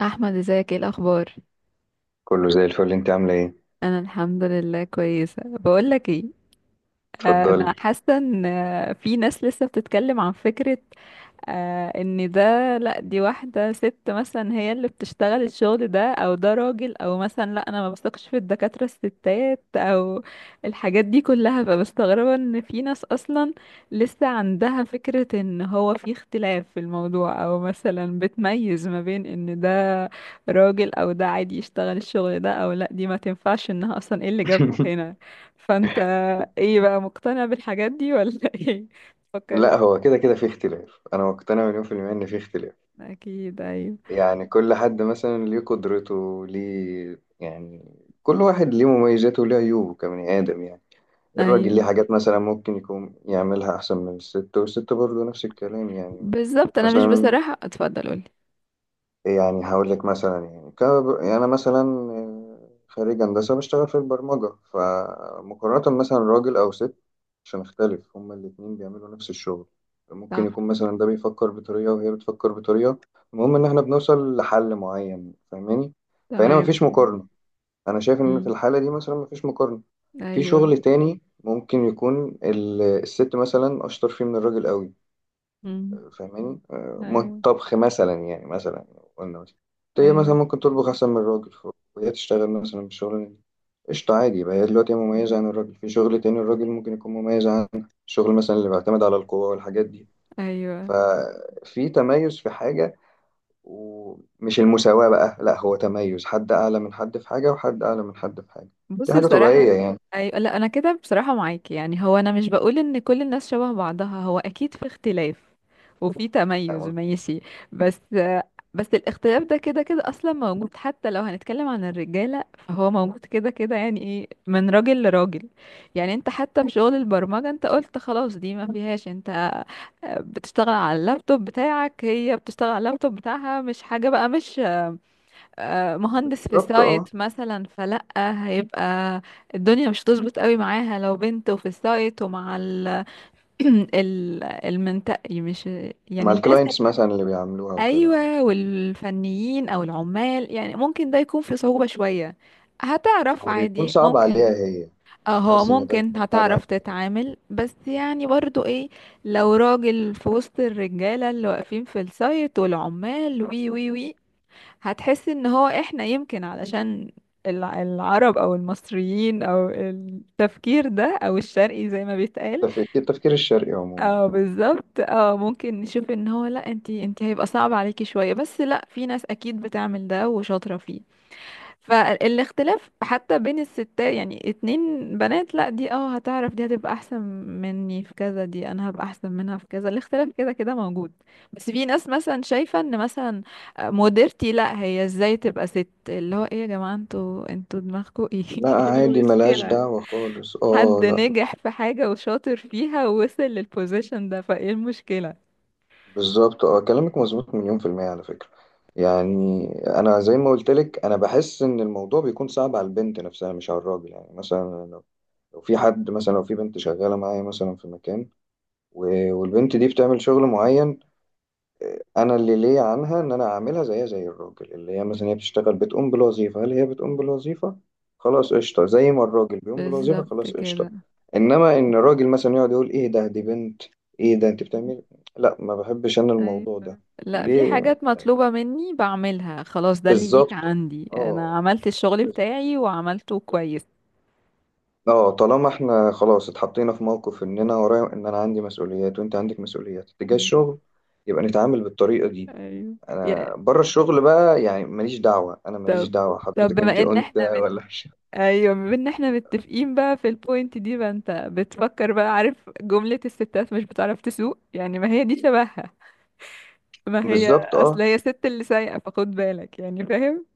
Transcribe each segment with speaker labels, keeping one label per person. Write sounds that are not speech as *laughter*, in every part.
Speaker 1: احمد، ازيك؟ ايه الاخبار؟
Speaker 2: كله زي الفل، انت عامله ايه؟
Speaker 1: انا الحمد لله كويسه. بقول لك ايه؟ انا
Speaker 2: اتفضلي.
Speaker 1: حاسه ان في ناس لسه بتتكلم عن فكره، ان ده، لا دي واحده ست مثلا هي اللي بتشتغل الشغل ده، او ده راجل، او مثلا لا انا ما بثقش في الدكاتره الستات، او الحاجات دي كلها. فبستغربه ان في ناس اصلا لسه عندها فكره ان هو في اختلاف في الموضوع، او مثلا بتميز ما بين ان ده راجل او ده عادي يشتغل الشغل ده، او لا دي ما تنفعش، انها اصلا ايه اللي جابها
Speaker 2: *laughs*
Speaker 1: هنا؟ فانت ايه بقى، مقتنع بالحاجات دي ولا *laughs* ايه فكري؟
Speaker 2: لا، هو كده كده في اختلاف. انا مقتنع مليون في المية ان في اختلاف.
Speaker 1: اكيد ايوه.
Speaker 2: يعني كل حد مثلا ليه قدرته، ليه يعني. كل واحد ليه مميزاته وليه عيوبه كبني ادم يعني. الراجل ليه
Speaker 1: ايوه
Speaker 2: حاجات مثلا ممكن يكون يعملها احسن من الست، والست برضه نفس الكلام يعني.
Speaker 1: بالظبط، انا مش
Speaker 2: مثلا،
Speaker 1: بصراحة. اتفضل قولي.
Speaker 2: يعني هقول لك مثلا، يعني يعني انا مثلا خريج هندسه بشتغل في البرمجه. فمقارنه مثلا راجل او ست، عشان اختلف هما الاتنين بيعملوا نفس الشغل، ممكن
Speaker 1: صح.
Speaker 2: يكون مثلا ده بيفكر بطريقه وهي بتفكر بطريقه. المهم ان احنا بنوصل لحل معين، فاهماني؟ فهنا
Speaker 1: تمام.
Speaker 2: مفيش مقارنه. انا شايف ان في
Speaker 1: امم.
Speaker 2: الحاله دي مثلا مفيش مقارنه. في
Speaker 1: ايوه.
Speaker 2: شغل تاني ممكن يكون الست مثلا اشطر فيه من الراجل قوي،
Speaker 1: امم.
Speaker 2: فاهماني؟
Speaker 1: ايوه.
Speaker 2: طبخ مثلا، يعني مثلا قلنا مثلا، هي مثلا
Speaker 1: ايوه.
Speaker 2: ممكن تطبخ أحسن من الراجل. وهي تشتغل مثلا بالشغل ده قشطة، عادي. يبقى هي
Speaker 1: امم.
Speaker 2: دلوقتي مميزة عن الراجل في شغل تاني، الراجل ممكن يكون مميز عن الشغل مثلا اللي بيعتمد على القوة والحاجات دي.
Speaker 1: ايوه.
Speaker 2: ففي تميز في حاجة، ومش المساواة بقى. لا، هو تميز، حد أعلى من حد في حاجة وحد أعلى من حد في حاجة. دي
Speaker 1: بصي
Speaker 2: حاجة طبيعية
Speaker 1: بصراحة،
Speaker 2: يعني.
Speaker 1: أيوة. لا أنا كده بصراحة معاكي، يعني هو أنا مش بقول إن كل الناس شبه بعضها، هو أكيد في اختلاف وفي تميز، ماشي. بس بس الاختلاف ده كده كده أصلا موجود، حتى لو هنتكلم عن الرجالة فهو موجود كده كده. يعني إيه، من راجل لراجل. يعني أنت حتى في شغل البرمجة، أنت قلت خلاص دي ما فيهاش، أنت بتشتغل على اللابتوب بتاعك، هي بتشتغل على اللابتوب بتاعها، مش حاجة بقى. مش مهندس في
Speaker 2: بالظبط
Speaker 1: سايت
Speaker 2: اه.
Speaker 1: مثلا، فلأ. هيبقى الدنيا مش هتظبط قوي معاها لو بنت وفي السايت، ومع ال *clears throat* المنطقي، مش
Speaker 2: مع
Speaker 1: يعني الناس
Speaker 2: الكلاينتس مثلا اللي بيعملوها وكده، آه.
Speaker 1: ايوه، والفنيين او العمال، يعني ممكن ده يكون في صعوبة شوية. هتعرف
Speaker 2: هو بيكون
Speaker 1: عادي
Speaker 2: صعب
Speaker 1: ممكن.
Speaker 2: عليها هي. انا
Speaker 1: اه، هو
Speaker 2: بحس ان ده
Speaker 1: ممكن
Speaker 2: بيكون صعب عليها.
Speaker 1: هتعرف تتعامل، بس يعني برضو ايه، لو راجل في وسط الرجالة اللي واقفين في السايت والعمال، وي وي وي، هتحس ان هو احنا يمكن علشان العرب او المصريين، او التفكير ده، او الشرقي زي ما بيتقال.
Speaker 2: التفكير الشرقي عموما،
Speaker 1: اه
Speaker 2: اه.
Speaker 1: بالظبط، اه ممكن نشوف ان هو، لا انتي انتي هيبقى صعب عليكي شوية، بس لا في ناس اكيد بتعمل ده وشاطرة فيه. فالاختلاف حتى بين الستات، يعني اتنين بنات، لا دي اه هتعرف، دي هتبقى احسن مني في كذا، دي انا هبقى احسن منها في كذا. الاختلاف كده كده موجود. بس في ناس مثلا شايفة ان مثلا مديرتي، لا هي ازاي تبقى ست، اللي هو ايه يا جماعة، انتوا دماغكوا ايه؟
Speaker 2: لا،
Speaker 1: *laughs* إيه
Speaker 2: عادي، ملهاش
Speaker 1: المشكلة؟
Speaker 2: دعوة خالص، اه
Speaker 1: حد
Speaker 2: لا.
Speaker 1: نجح في حاجة وشاطر فيها ووصل للبوزيشن ده، فايه المشكلة؟
Speaker 2: بالظبط اه، كلامك مظبوط مليون في المية على فكرة. يعني انا زي ما قلت لك، انا بحس ان الموضوع بيكون صعب على البنت نفسها مش على الراجل. يعني مثلا لو في حد مثلا، لو في بنت شغالة معايا مثلا في مكان، والبنت دي بتعمل شغل معين. انا اللي ليا عنها ان انا اعملها زيها زي الراجل، اللي هي مثلا هي بتشتغل بتقوم بالوظيفه. هل هي بتقوم بالوظيفه؟ خلاص قشطه زي ما الراجل بيقوم بالوظيفه،
Speaker 1: بالظبط
Speaker 2: خلاص قشطه.
Speaker 1: كده.
Speaker 2: انما ان الراجل مثلا يقعد يقول ايه ده، دي بنت، ايه ده انت بتعمل، لا ما بحبش انا الموضوع ده
Speaker 1: لا في
Speaker 2: ليه؟
Speaker 1: حاجات مطلوبة مني بعملها، خلاص ده اللي ليك
Speaker 2: بالظبط
Speaker 1: عندي، انا
Speaker 2: اه،
Speaker 1: عملت الشغل
Speaker 2: بس-
Speaker 1: بتاعي وعملته كويس.
Speaker 2: اه طالما احنا خلاص اتحطينا في موقف ان انا ورايا ان انا عندي مسؤوليات وانت عندك مسؤوليات تجاه
Speaker 1: مم.
Speaker 2: الشغل، يبقى نتعامل بالطريقه دي.
Speaker 1: ايوه. يا
Speaker 2: انا بره الشغل بقى يعني ماليش دعوه، انا ماليش
Speaker 1: طب،
Speaker 2: دعوه
Speaker 1: طب
Speaker 2: حضرتك انت
Speaker 1: بما ان
Speaker 2: انثى
Speaker 1: احنا
Speaker 2: ولا مش.
Speaker 1: ايوه، بما ان احنا متفقين بقى في البوينت دي، بقى انت بتفكر بقى، عارف جملة الستات مش بتعرف تسوق؟ يعني ما هي دي شبهها،
Speaker 2: *laughs*
Speaker 1: ما هي
Speaker 2: بالظبط
Speaker 1: اصل
Speaker 2: اه.
Speaker 1: هي ست اللي سايقة فخد بالك، يعني فاهم؟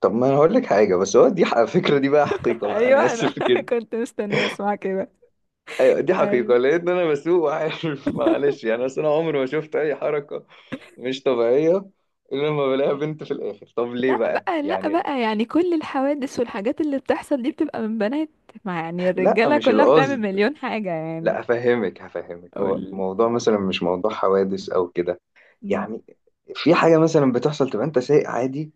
Speaker 2: طب ما انا هقول لك حاجه، بس هو دي الفكره دي بقى
Speaker 1: *laughs*
Speaker 2: حقيقه بقى، انا
Speaker 1: ايوه، انا
Speaker 2: اسف *laughs*
Speaker 1: *laughs*
Speaker 2: جدا.
Speaker 1: كنت مستنية اسمع كده.
Speaker 2: ايوه، دي حقيقه
Speaker 1: ايوه،
Speaker 2: لان انا بسوق وعارف. *laughs* معلش يعني، اصل انا عمري ما شفت اي حركه مش طبيعيه الا لما بلاقيها بنت في الاخر. طب ليه
Speaker 1: لا
Speaker 2: بقى
Speaker 1: بقى، لا
Speaker 2: يعني؟
Speaker 1: بقى، يعني كل الحوادث والحاجات اللي بتحصل دي بتبقى من بنات؟ ما يعني
Speaker 2: لا،
Speaker 1: الرجالة
Speaker 2: مش
Speaker 1: كلها بتعمل
Speaker 2: القصد،
Speaker 1: مليون حاجة يعني.
Speaker 2: لا، افهمك هفهمك. هو
Speaker 1: قول.
Speaker 2: الموضوع مثلا مش موضوع حوادث او كده.
Speaker 1: مم.
Speaker 2: يعني في حاجه مثلا بتحصل، تبقى انت سايق عادي،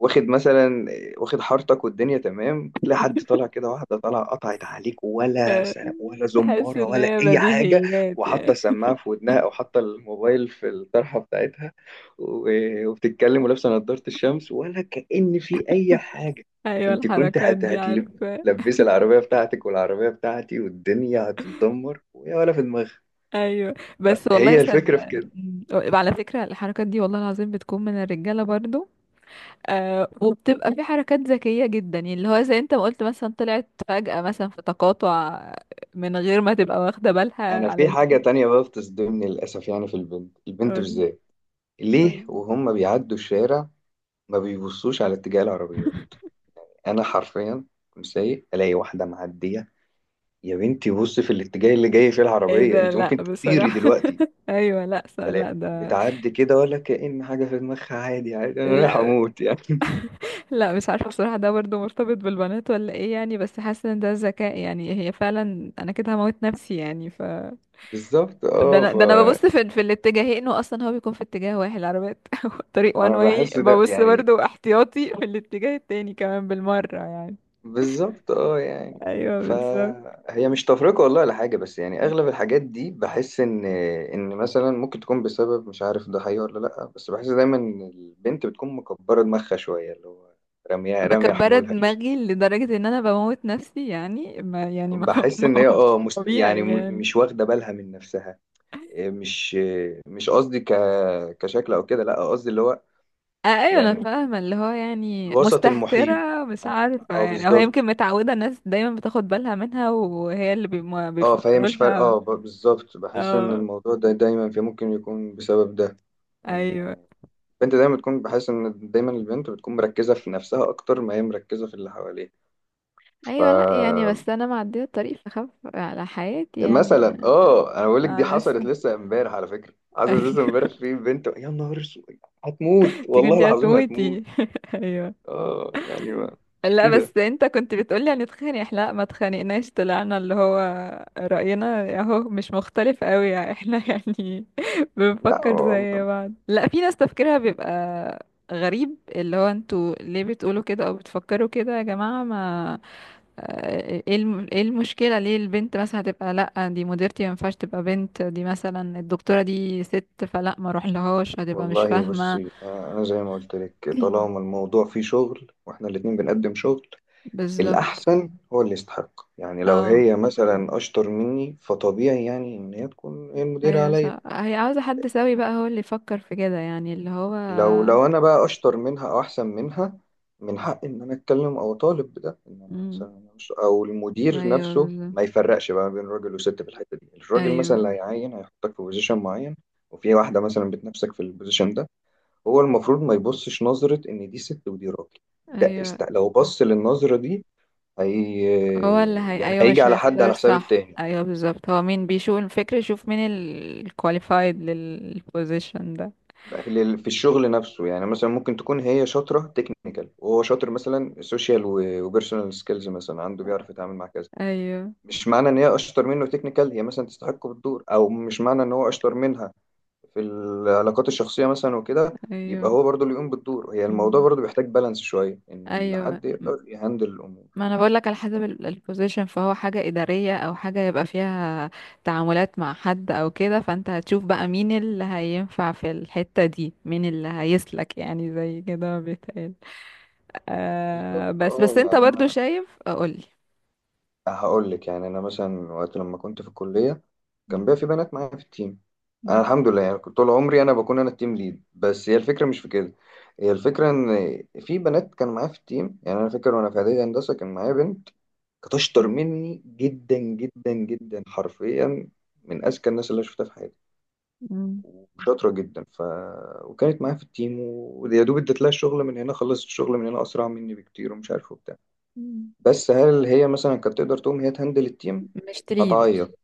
Speaker 2: واخد مثلا واخد حارتك والدنيا تمام، كنت تلاقي حد طالع كده، واحده طالعه قطعت عليك، ولا
Speaker 1: آه،
Speaker 2: سلام ولا
Speaker 1: تحس
Speaker 2: زماره
Speaker 1: ان
Speaker 2: ولا
Speaker 1: هي
Speaker 2: اي حاجه،
Speaker 1: بديهيات
Speaker 2: وحاطه
Speaker 1: يعني.
Speaker 2: السماعه في ودنها او حاطه الموبايل في الطرحه بتاعتها، وبتتكلم ولابسه نضاره الشمس ولا كأن في اي حاجه.
Speaker 1: ايوه
Speaker 2: انت كنت
Speaker 1: الحركات
Speaker 2: هت
Speaker 1: دي
Speaker 2: هتلب
Speaker 1: عارفة.
Speaker 2: لبس العربيه بتاعتك والعربيه بتاعتي والدنيا هتتدمر، ويا ولا في دماغها.
Speaker 1: ايوه، بس والله
Speaker 2: هي الفكره في
Speaker 1: صدقني.
Speaker 2: كده.
Speaker 1: مم. على فكرة الحركات دي والله العظيم بتكون من الرجالة برضو. وبتبقى في حركات ذكية جدا، يعني اللي هو زي انت ما قلت، مثلا طلعت فجأة مثلا في تقاطع من غير ما تبقى واخدة بالها
Speaker 2: انا في
Speaker 1: على.
Speaker 2: حاجه تانية بقى بتصدمني للاسف، يعني في البنت، البنت بالذات، ليه
Speaker 1: قول.
Speaker 2: وهم بيعدوا الشارع ما بيبصوش على اتجاه العربيات؟ انا حرفيا كنت سايق الاقي واحده معديه. يا بنتي بص في الاتجاه اللي جاي فيه
Speaker 1: ايه
Speaker 2: العربيه،
Speaker 1: ده،
Speaker 2: انت
Speaker 1: لا
Speaker 2: ممكن تطيري
Speaker 1: بصراحة.
Speaker 2: دلوقتي.
Speaker 1: *laughs* ايوه لا
Speaker 2: بلا،
Speaker 1: لا ده،
Speaker 2: بتعدي كده ولا كأن حاجه في دماغها، عادي عادي، انا رايح
Speaker 1: لا
Speaker 2: اموت يعني. *laughs*
Speaker 1: لا مش عارفة بصراحة ده برضه مرتبط بالبنات ولا ايه يعني، بس حاسة ان ده ذكاء يعني. هي فعلا انا كده هموت نفسي يعني. ف
Speaker 2: بالظبط اه.
Speaker 1: ده انا ببص في الاتجاهين، واصلا هو بيكون في اتجاه واحد العربيات. *laughs* طريق وان
Speaker 2: انا
Speaker 1: واي،
Speaker 2: بحس ده
Speaker 1: ببص
Speaker 2: يعني،
Speaker 1: برضه احتياطي في الاتجاه التاني كمان بالمرة يعني.
Speaker 2: بالظبط اه يعني،
Speaker 1: ايوه بالظبط.
Speaker 2: فهي مش تفرقة والله ولا حاجة. بس يعني أغلب الحاجات دي بحس إن مثلا ممكن تكون بسبب، مش عارف ده حقيقي ولا لأ، بس بحس دايما إن البنت بتكون مكبرة دماغها شوية، اللي هو رامية رامية
Speaker 1: مكبرة
Speaker 2: حمولها شوية.
Speaker 1: دماغي لدرجة ان انا بموت نفسي يعني، ما يعني ما *laughs*
Speaker 2: بحس
Speaker 1: ما
Speaker 2: إن هي
Speaker 1: هوش
Speaker 2: يعني
Speaker 1: طبيعي يعني.
Speaker 2: مش واخدة بالها من نفسها. إيه مش قصدي كشكل أو كده، لأ قصدي اللي هو
Speaker 1: آه، ايوه انا
Speaker 2: يعني
Speaker 1: فاهمه، اللي هو يعني
Speaker 2: الوسط المحيط.
Speaker 1: مستهتره مش عارفه
Speaker 2: اه
Speaker 1: يعني، او هي يمكن
Speaker 2: بالظبط
Speaker 1: متعوده الناس دايما بتاخد بالها منها، وهي اللي
Speaker 2: اه، فهي
Speaker 1: بيفكروا
Speaker 2: مش فارقة،
Speaker 1: لها.
Speaker 2: اه، بالظبط بحس ان
Speaker 1: اه.
Speaker 2: الموضوع ده دايما في ممكن يكون بسبب ده. ان
Speaker 1: ايوه.
Speaker 2: البنت دايما بتكون، بحس ان دايما البنت بتكون مركزة في نفسها اكتر ما هي مركزة في اللي حواليها. ف
Speaker 1: ايوه، لا يعني بس انا معديه الطريق فخاف على حياتي يعني.
Speaker 2: مثلا اه انا بقول لك دي
Speaker 1: ما
Speaker 2: حصلت
Speaker 1: لسه.
Speaker 2: لسه امبارح، على فكرة
Speaker 1: *laughs*
Speaker 2: حصلت لسه امبارح
Speaker 1: ايوه،
Speaker 2: في بنت، يا نهار اسود. هتموت
Speaker 1: انت
Speaker 2: والله
Speaker 1: كنتي
Speaker 2: العظيم هتموت.
Speaker 1: هتموتي. *laughs* ايوه.
Speaker 2: اه يعني ما مش
Speaker 1: لا
Speaker 2: كده.
Speaker 1: بس انت كنت بتقولي هنتخانق، احنا لا ما اتخانقناش، طلعنا اللي هو رأينا اهو مش مختلف قوي يعني. احنا *laughs* يعني
Speaker 2: لا،
Speaker 1: بنفكر زي بعض. لا في ناس تفكيرها بيبقى غريب، اللي هو انتوا ليه بتقولوا كده او بتفكروا كده يا جماعة؟ ما اه، ايه المشكلة؟ ليه البنت مثلا هتبقى، لا دي مديرتي ما ينفعش تبقى بنت، دي مثلا الدكتورة دي ست، فلا ما اروح لهاش هتبقى مش
Speaker 2: والله
Speaker 1: فاهمة.
Speaker 2: بصي. انا زي ما قلت لك، طالما الموضوع فيه شغل واحنا الاتنين بنقدم شغل،
Speaker 1: *clears throat* بالظبط
Speaker 2: الأحسن هو اللي يستحق. يعني لو
Speaker 1: اه.
Speaker 2: هي مثلا أشطر مني، فطبيعي يعني إن هي تكون هي المديرة
Speaker 1: ايوه
Speaker 2: عليا.
Speaker 1: صح، هي عاوزة حد سوي بقى، هو اللي يفكر في كده، يعني اللي هو
Speaker 2: لو، لو أنا بقى أشطر منها أو أحسن منها، من حق إن أنا أتكلم أو أطالب بده، إن أنا
Speaker 1: امم.
Speaker 2: مثلا مش، أو المدير
Speaker 1: ايوه
Speaker 2: نفسه
Speaker 1: بالظبط.
Speaker 2: ما يفرقش بقى بين راجل وست في الحتة دي. الراجل مثلا اللي
Speaker 1: ايوه.
Speaker 2: هيعين هيحطك في بوزيشن معين، وفي واحدة مثلا بتنافسك في البوزيشن ده، هو المفروض ما يبصش نظرة إن دي ست ودي راجل. ده
Speaker 1: ايوه،
Speaker 2: لو بص للنظرة دي، هي
Speaker 1: هو اللي هي
Speaker 2: يعني
Speaker 1: ايوه،
Speaker 2: هيجي
Speaker 1: مش
Speaker 2: على حد
Speaker 1: هيختار؟
Speaker 2: على حساب
Speaker 1: صح.
Speaker 2: التاني.
Speaker 1: ايوه بالظبط، هو مين بيشوف الفكر يشوف مين الكواليفايد للبوزيشن ده.
Speaker 2: في الشغل نفسه يعني، مثلا ممكن تكون هي شاطرة تكنيكال وهو شاطر مثلا سوشيال وبيرسونال سكيلز مثلا عنده، بيعرف يتعامل مع كذا.
Speaker 1: ايوه.
Speaker 2: مش معنى ان هي اشطر منه تكنيكال هي مثلا تستحقه بالدور، او مش معنى ان هو اشطر منها في العلاقات الشخصية مثلا وكده
Speaker 1: ايوه.
Speaker 2: يبقى هو برضه اللي يقوم بالدور. هي الموضوع
Speaker 1: امم.
Speaker 2: برضه بيحتاج بالانس شوية ان
Speaker 1: ايوه.
Speaker 2: الحد يقدر يهندل الامور.
Speaker 1: ما انا بقول لك على حسب البوزيشن، فهو حاجة إدارية او حاجة يبقى فيها تعاملات مع حد او كده، فانت هتشوف بقى مين اللي هينفع في الحتة دي، مين اللي هيسلك يعني زي كده ما بيتقال. آه،
Speaker 2: بالظبط
Speaker 1: بس
Speaker 2: اه
Speaker 1: بس انت
Speaker 2: يعني،
Speaker 1: برضو
Speaker 2: انا
Speaker 1: شايف؟ قولي.
Speaker 2: هقول لك يعني انا مثلا وقت لما كنت في الكليه كان
Speaker 1: مم.
Speaker 2: بقى في بنات معايا في التيم. انا
Speaker 1: مم.
Speaker 2: الحمد لله يعني كنت طول عمري انا بكون انا التيم ليد، بس هي الفكره مش في كده. هي الفكره ان في بنات كان معايا في التيم. يعني انا فاكر وانا في اعدادي هندسه كان معايا بنت كانت اشطر
Speaker 1: مم.
Speaker 2: مني جدا جدا جدا، حرفيا من اذكى الناس اللي أنا شفتها في حياتي
Speaker 1: مم.
Speaker 2: وشاطره جدا. وكانت معايا في التيم، ويا دوب اديت لها الشغل من هنا خلصت الشغل من هنا اسرع مني بكتير، ومش عارف.
Speaker 1: مم.
Speaker 2: بس هل هي مثلا كانت تقدر تقوم هي تهندل التيم؟
Speaker 1: مش تريد.
Speaker 2: هتعيط،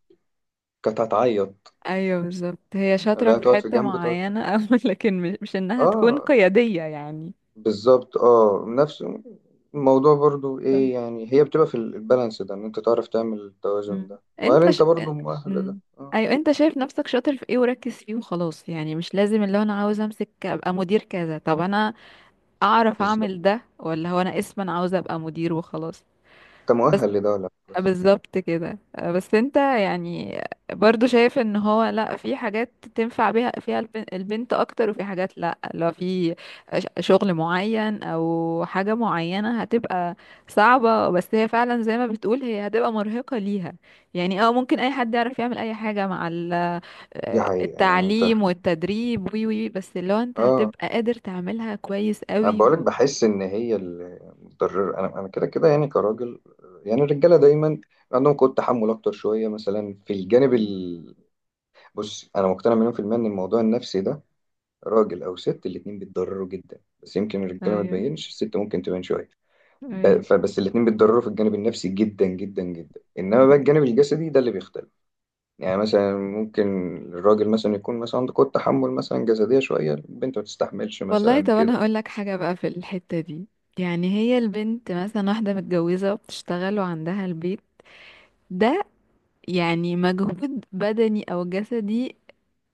Speaker 2: كانت هتعيط،
Speaker 1: ايوه بالظبط، هي شاطرة
Speaker 2: لا،
Speaker 1: في
Speaker 2: تقعد في
Speaker 1: حتة
Speaker 2: جنب تقعد.
Speaker 1: معينة *laughs* او لكن مش انها تكون
Speaker 2: اه
Speaker 1: قيادية يعني.
Speaker 2: بالظبط اه، نفس الموضوع برضو. ايه يعني، هي بتبقى في البالانس ده، ان انت تعرف تعمل التوازن
Speaker 1: مم.
Speaker 2: ده، وهل
Speaker 1: انت ش...
Speaker 2: انت برضو مؤهل لده؟
Speaker 1: مم.
Speaker 2: اه،
Speaker 1: ايوه انت شايف نفسك شاطر في ايه وركز فيه وخلاص، يعني مش لازم اللي هو انا عاوز امسك ابقى مدير كذا. طب انا اعرف
Speaker 2: بالظبط،
Speaker 1: اعمل ده، ولا هو انا اسما عاوز ابقى مدير وخلاص؟
Speaker 2: انت مؤهل لده ولا لا،
Speaker 1: آه
Speaker 2: بس
Speaker 1: بالظبط كده. بس انت يعني برضو شايف ان هو لا في حاجات تنفع بيها فيها البنت اكتر، وفي حاجات لا لو في شغل معين او حاجة معينة هتبقى صعبة، بس هي فعلا زي ما بتقول هي هتبقى مرهقة ليها يعني. اه ممكن اي حد يعرف يعمل اي حاجة مع
Speaker 2: دي حقيقة يعني. انت
Speaker 1: التعليم والتدريب وي وي، بس اللي هو انت
Speaker 2: اه
Speaker 1: هتبقى قادر تعملها كويس
Speaker 2: انا
Speaker 1: قوي
Speaker 2: بقولك
Speaker 1: و...
Speaker 2: بحس ان هي المتضرر. انا كده كده يعني كراجل، يعني الرجالة دايما عندهم قوة تحمل اكتر شوية مثلا في الجانب.
Speaker 1: مم.
Speaker 2: بص، انا مقتنع مليون في المية ان الموضوع النفسي ده راجل او ست الاتنين بيتضرروا جدا، بس يمكن الرجاله ما
Speaker 1: ايوه.
Speaker 2: تبينش، الست ممكن تبين شويه.
Speaker 1: ايوه.
Speaker 2: فبس الاتنين بيتضرروا في الجانب النفسي جدا جدا جدا. انما بقى الجانب الجسدي ده اللي بيختلف. يعني مثلا ممكن الراجل مثلا يكون مثلا عنده قوة تحمل مثلا جسدية شوية، البنت ما تستحملش
Speaker 1: والله،
Speaker 2: مثلا
Speaker 1: طب انا
Speaker 2: كده.
Speaker 1: هقول لك حاجه بقى في الحته دي. يعني هي البنت مثلا واحده متجوزه وبتشتغل وعندها البيت ده، يعني مجهود بدني او جسدي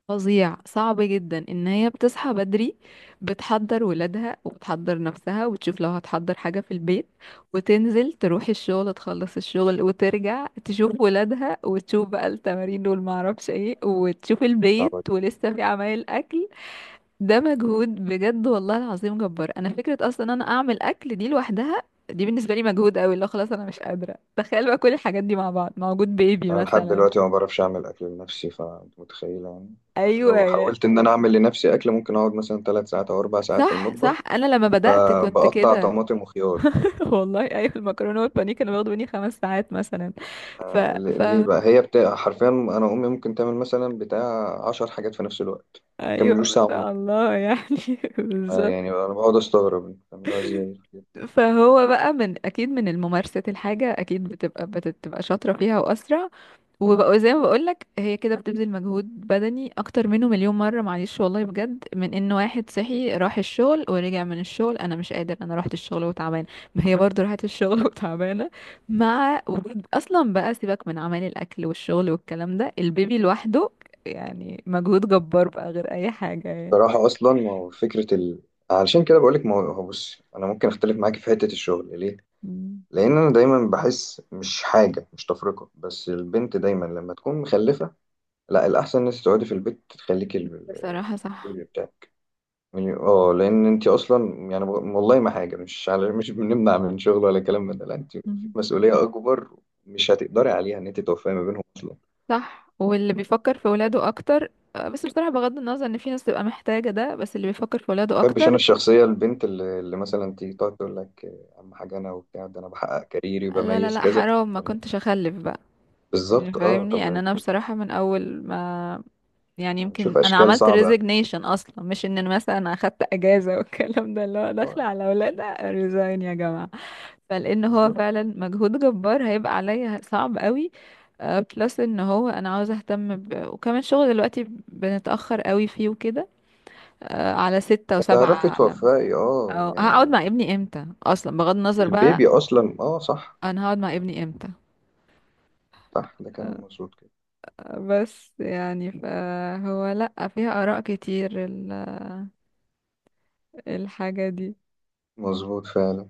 Speaker 1: فظيع صعب جدا، ان هي بتصحى بدري، بتحضر ولادها وبتحضر نفسها وبتشوف لو هتحضر حاجه في البيت، وتنزل تروح الشغل تخلص الشغل وترجع تشوف ولادها وتشوف بقى التمارين والمعرفش ايه، وتشوف
Speaker 2: صعبة
Speaker 1: البيت
Speaker 2: جداً.
Speaker 1: ولسه في عمايل اكل. ده مجهود بجد والله العظيم جبار. انا فكره اصلا إن انا اعمل اكل دي لوحدها، دي بالنسبه لي مجهود قوي، اللي هو خلاص انا مش قادره تخيل بقى كل الحاجات دي مع بعض مع وجود بيبي
Speaker 2: انا لحد
Speaker 1: مثلا.
Speaker 2: دلوقتي ما بعرفش اعمل اكل لنفسي، فانت متخيله يعني.
Speaker 1: ايوه
Speaker 2: لو حاولت ان انا اعمل لنفسي اكل ممكن اقعد مثلا 3 ساعات او 4 ساعات في
Speaker 1: صح
Speaker 2: المطبخ،
Speaker 1: صح، انا لما بدات كنت
Speaker 2: بقطع
Speaker 1: كده.
Speaker 2: طماطم وخيار.
Speaker 1: *laughs* والله ايوه، المكرونه والبانيه كانوا بياخدوا مني 5 ساعات مثلا. ف ف
Speaker 2: ليه بقى؟ هي بتاع، حرفيا انا امي ممكن تعمل مثلا بتاع 10 حاجات في نفس الوقت،
Speaker 1: ايوه،
Speaker 2: مكملوش
Speaker 1: ما
Speaker 2: ساعه ونص.
Speaker 1: شاء الله يعني. *laughs*
Speaker 2: يعني
Speaker 1: بالظبط.
Speaker 2: انا بقعد استغرب انتوا بتعملوها ازاي.
Speaker 1: فهو بقى من اكيد من الممارسه الحاجه اكيد بتبقى شاطره فيها واسرع، وبقى زي ما بقولك هي كده بتبذل مجهود بدني اكتر منه مليون مرة. معلش والله بجد، من ان واحد صحي راح الشغل ورجع من الشغل انا مش قادر، انا رحت الشغل وتعبان، ما هي برضو راحت الشغل *laughs* وتعبانة. مع وجود اصلا بقى، سيبك من عمل الاكل والشغل والكلام ده، البيبي لوحده يعني مجهود جبار بقى غير اي حاجة يعني.
Speaker 2: بصراحه اصلا، ما هو فكره علشان كده بقول لك. ما هو بص، انا ممكن اختلف معاكي في حته الشغل، ليه؟
Speaker 1: مم.
Speaker 2: لان انا دايما بحس، مش حاجه مش تفرقه، بس البنت دايما لما تكون مخلفه، لا الاحسن ان انت تقعدي في البيت تخليكي
Speaker 1: بصراحة صح.
Speaker 2: البيبي. يعني اه، لان انت اصلا يعني، والله ما حاجه مش على، مش بنمنع من شغل ولا كلام من ده، لا انت في
Speaker 1: مم.
Speaker 2: مسؤوليه اكبر مش هتقدري عليها، ان انت توفقي ما بينهم اصلا.
Speaker 1: صح، واللي بيفكر في ولاده اكتر. بس بصراحة بغض النظر ان في ناس تبقى محتاجة ده، بس اللي بيفكر في
Speaker 2: ما
Speaker 1: ولاده
Speaker 2: بحبش انا
Speaker 1: اكتر
Speaker 2: الشخصيه البنت اللي مثلا تيجي تقعد تقول لك، اهم حاجه انا، وبتاع ده انا بحقق كاريري
Speaker 1: لا لا
Speaker 2: وبميز
Speaker 1: لا
Speaker 2: كذا.
Speaker 1: حرام، ما
Speaker 2: طب،
Speaker 1: كنتش اخلف بقى. يعني
Speaker 2: بالظبط اه
Speaker 1: فاهمني ان
Speaker 2: طب،
Speaker 1: انا بصراحة من اول ما، يعني
Speaker 2: نشوف
Speaker 1: يمكن انا
Speaker 2: اشكال
Speaker 1: عملت
Speaker 2: صعبه.
Speaker 1: ريزيجنيشن اصلا، مش ان أنا مثلا أنا اخدت اجازة والكلام ده، اللي هو
Speaker 2: اه،
Speaker 1: داخلة على اولاد ريزاين يا جماعة. فلان هو
Speaker 2: بالظبط،
Speaker 1: فعلا مجهود جبار هيبقى عليا صعب قوي. بلس ان هو انا عاوزة اهتم وكمان شغل دلوقتي بنتأخر قوي فيه وكده، على ستة وسبعة.
Speaker 2: تعرفي
Speaker 1: على
Speaker 2: توفقي، اه
Speaker 1: أو هقعد
Speaker 2: يعني
Speaker 1: مع ابني امتى؟ اصلا بغض النظر بقى،
Speaker 2: البيبي اصلا، اه صح،
Speaker 1: انا هقعد مع ابني امتى؟
Speaker 2: صح، ده كلام مظبوط كده.
Speaker 1: بس يعني فهو لأ، فيها آراء كتير الحاجة دي.
Speaker 2: مظبوط فعلا.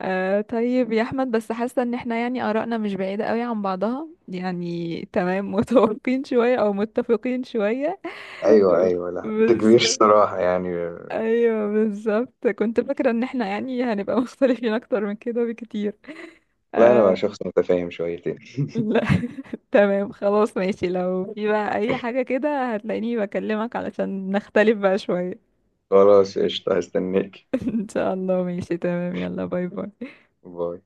Speaker 1: آه، طيب يا أحمد، بس حاسة إن احنا يعني آراءنا مش بعيدة قوي عن بعضها، يعني تمام، *laughs* متوافقين شوية أو متفقين شوية.
Speaker 2: ايوه
Speaker 1: *laughs*
Speaker 2: ايوه، لا انت
Speaker 1: بس
Speaker 2: كبير الصراحه يعني.
Speaker 1: أيوه بالظبط، كنت فاكرة إن احنا يعني هنبقى *laughs* مختلفين أكتر من كده بكتير.
Speaker 2: لا، انا
Speaker 1: آه.
Speaker 2: شخص متفاهم شويتين.
Speaker 1: لا *laughs* تمام خلاص ماشي، لو في بقى أي حاجة كده هتلاقيني بكلمك علشان نختلف بقى شوية.
Speaker 2: خلاص قشطه، هستناك.
Speaker 1: *laughs* ان شاء الله ماشي تمام، يلا باي باي.
Speaker 2: باي.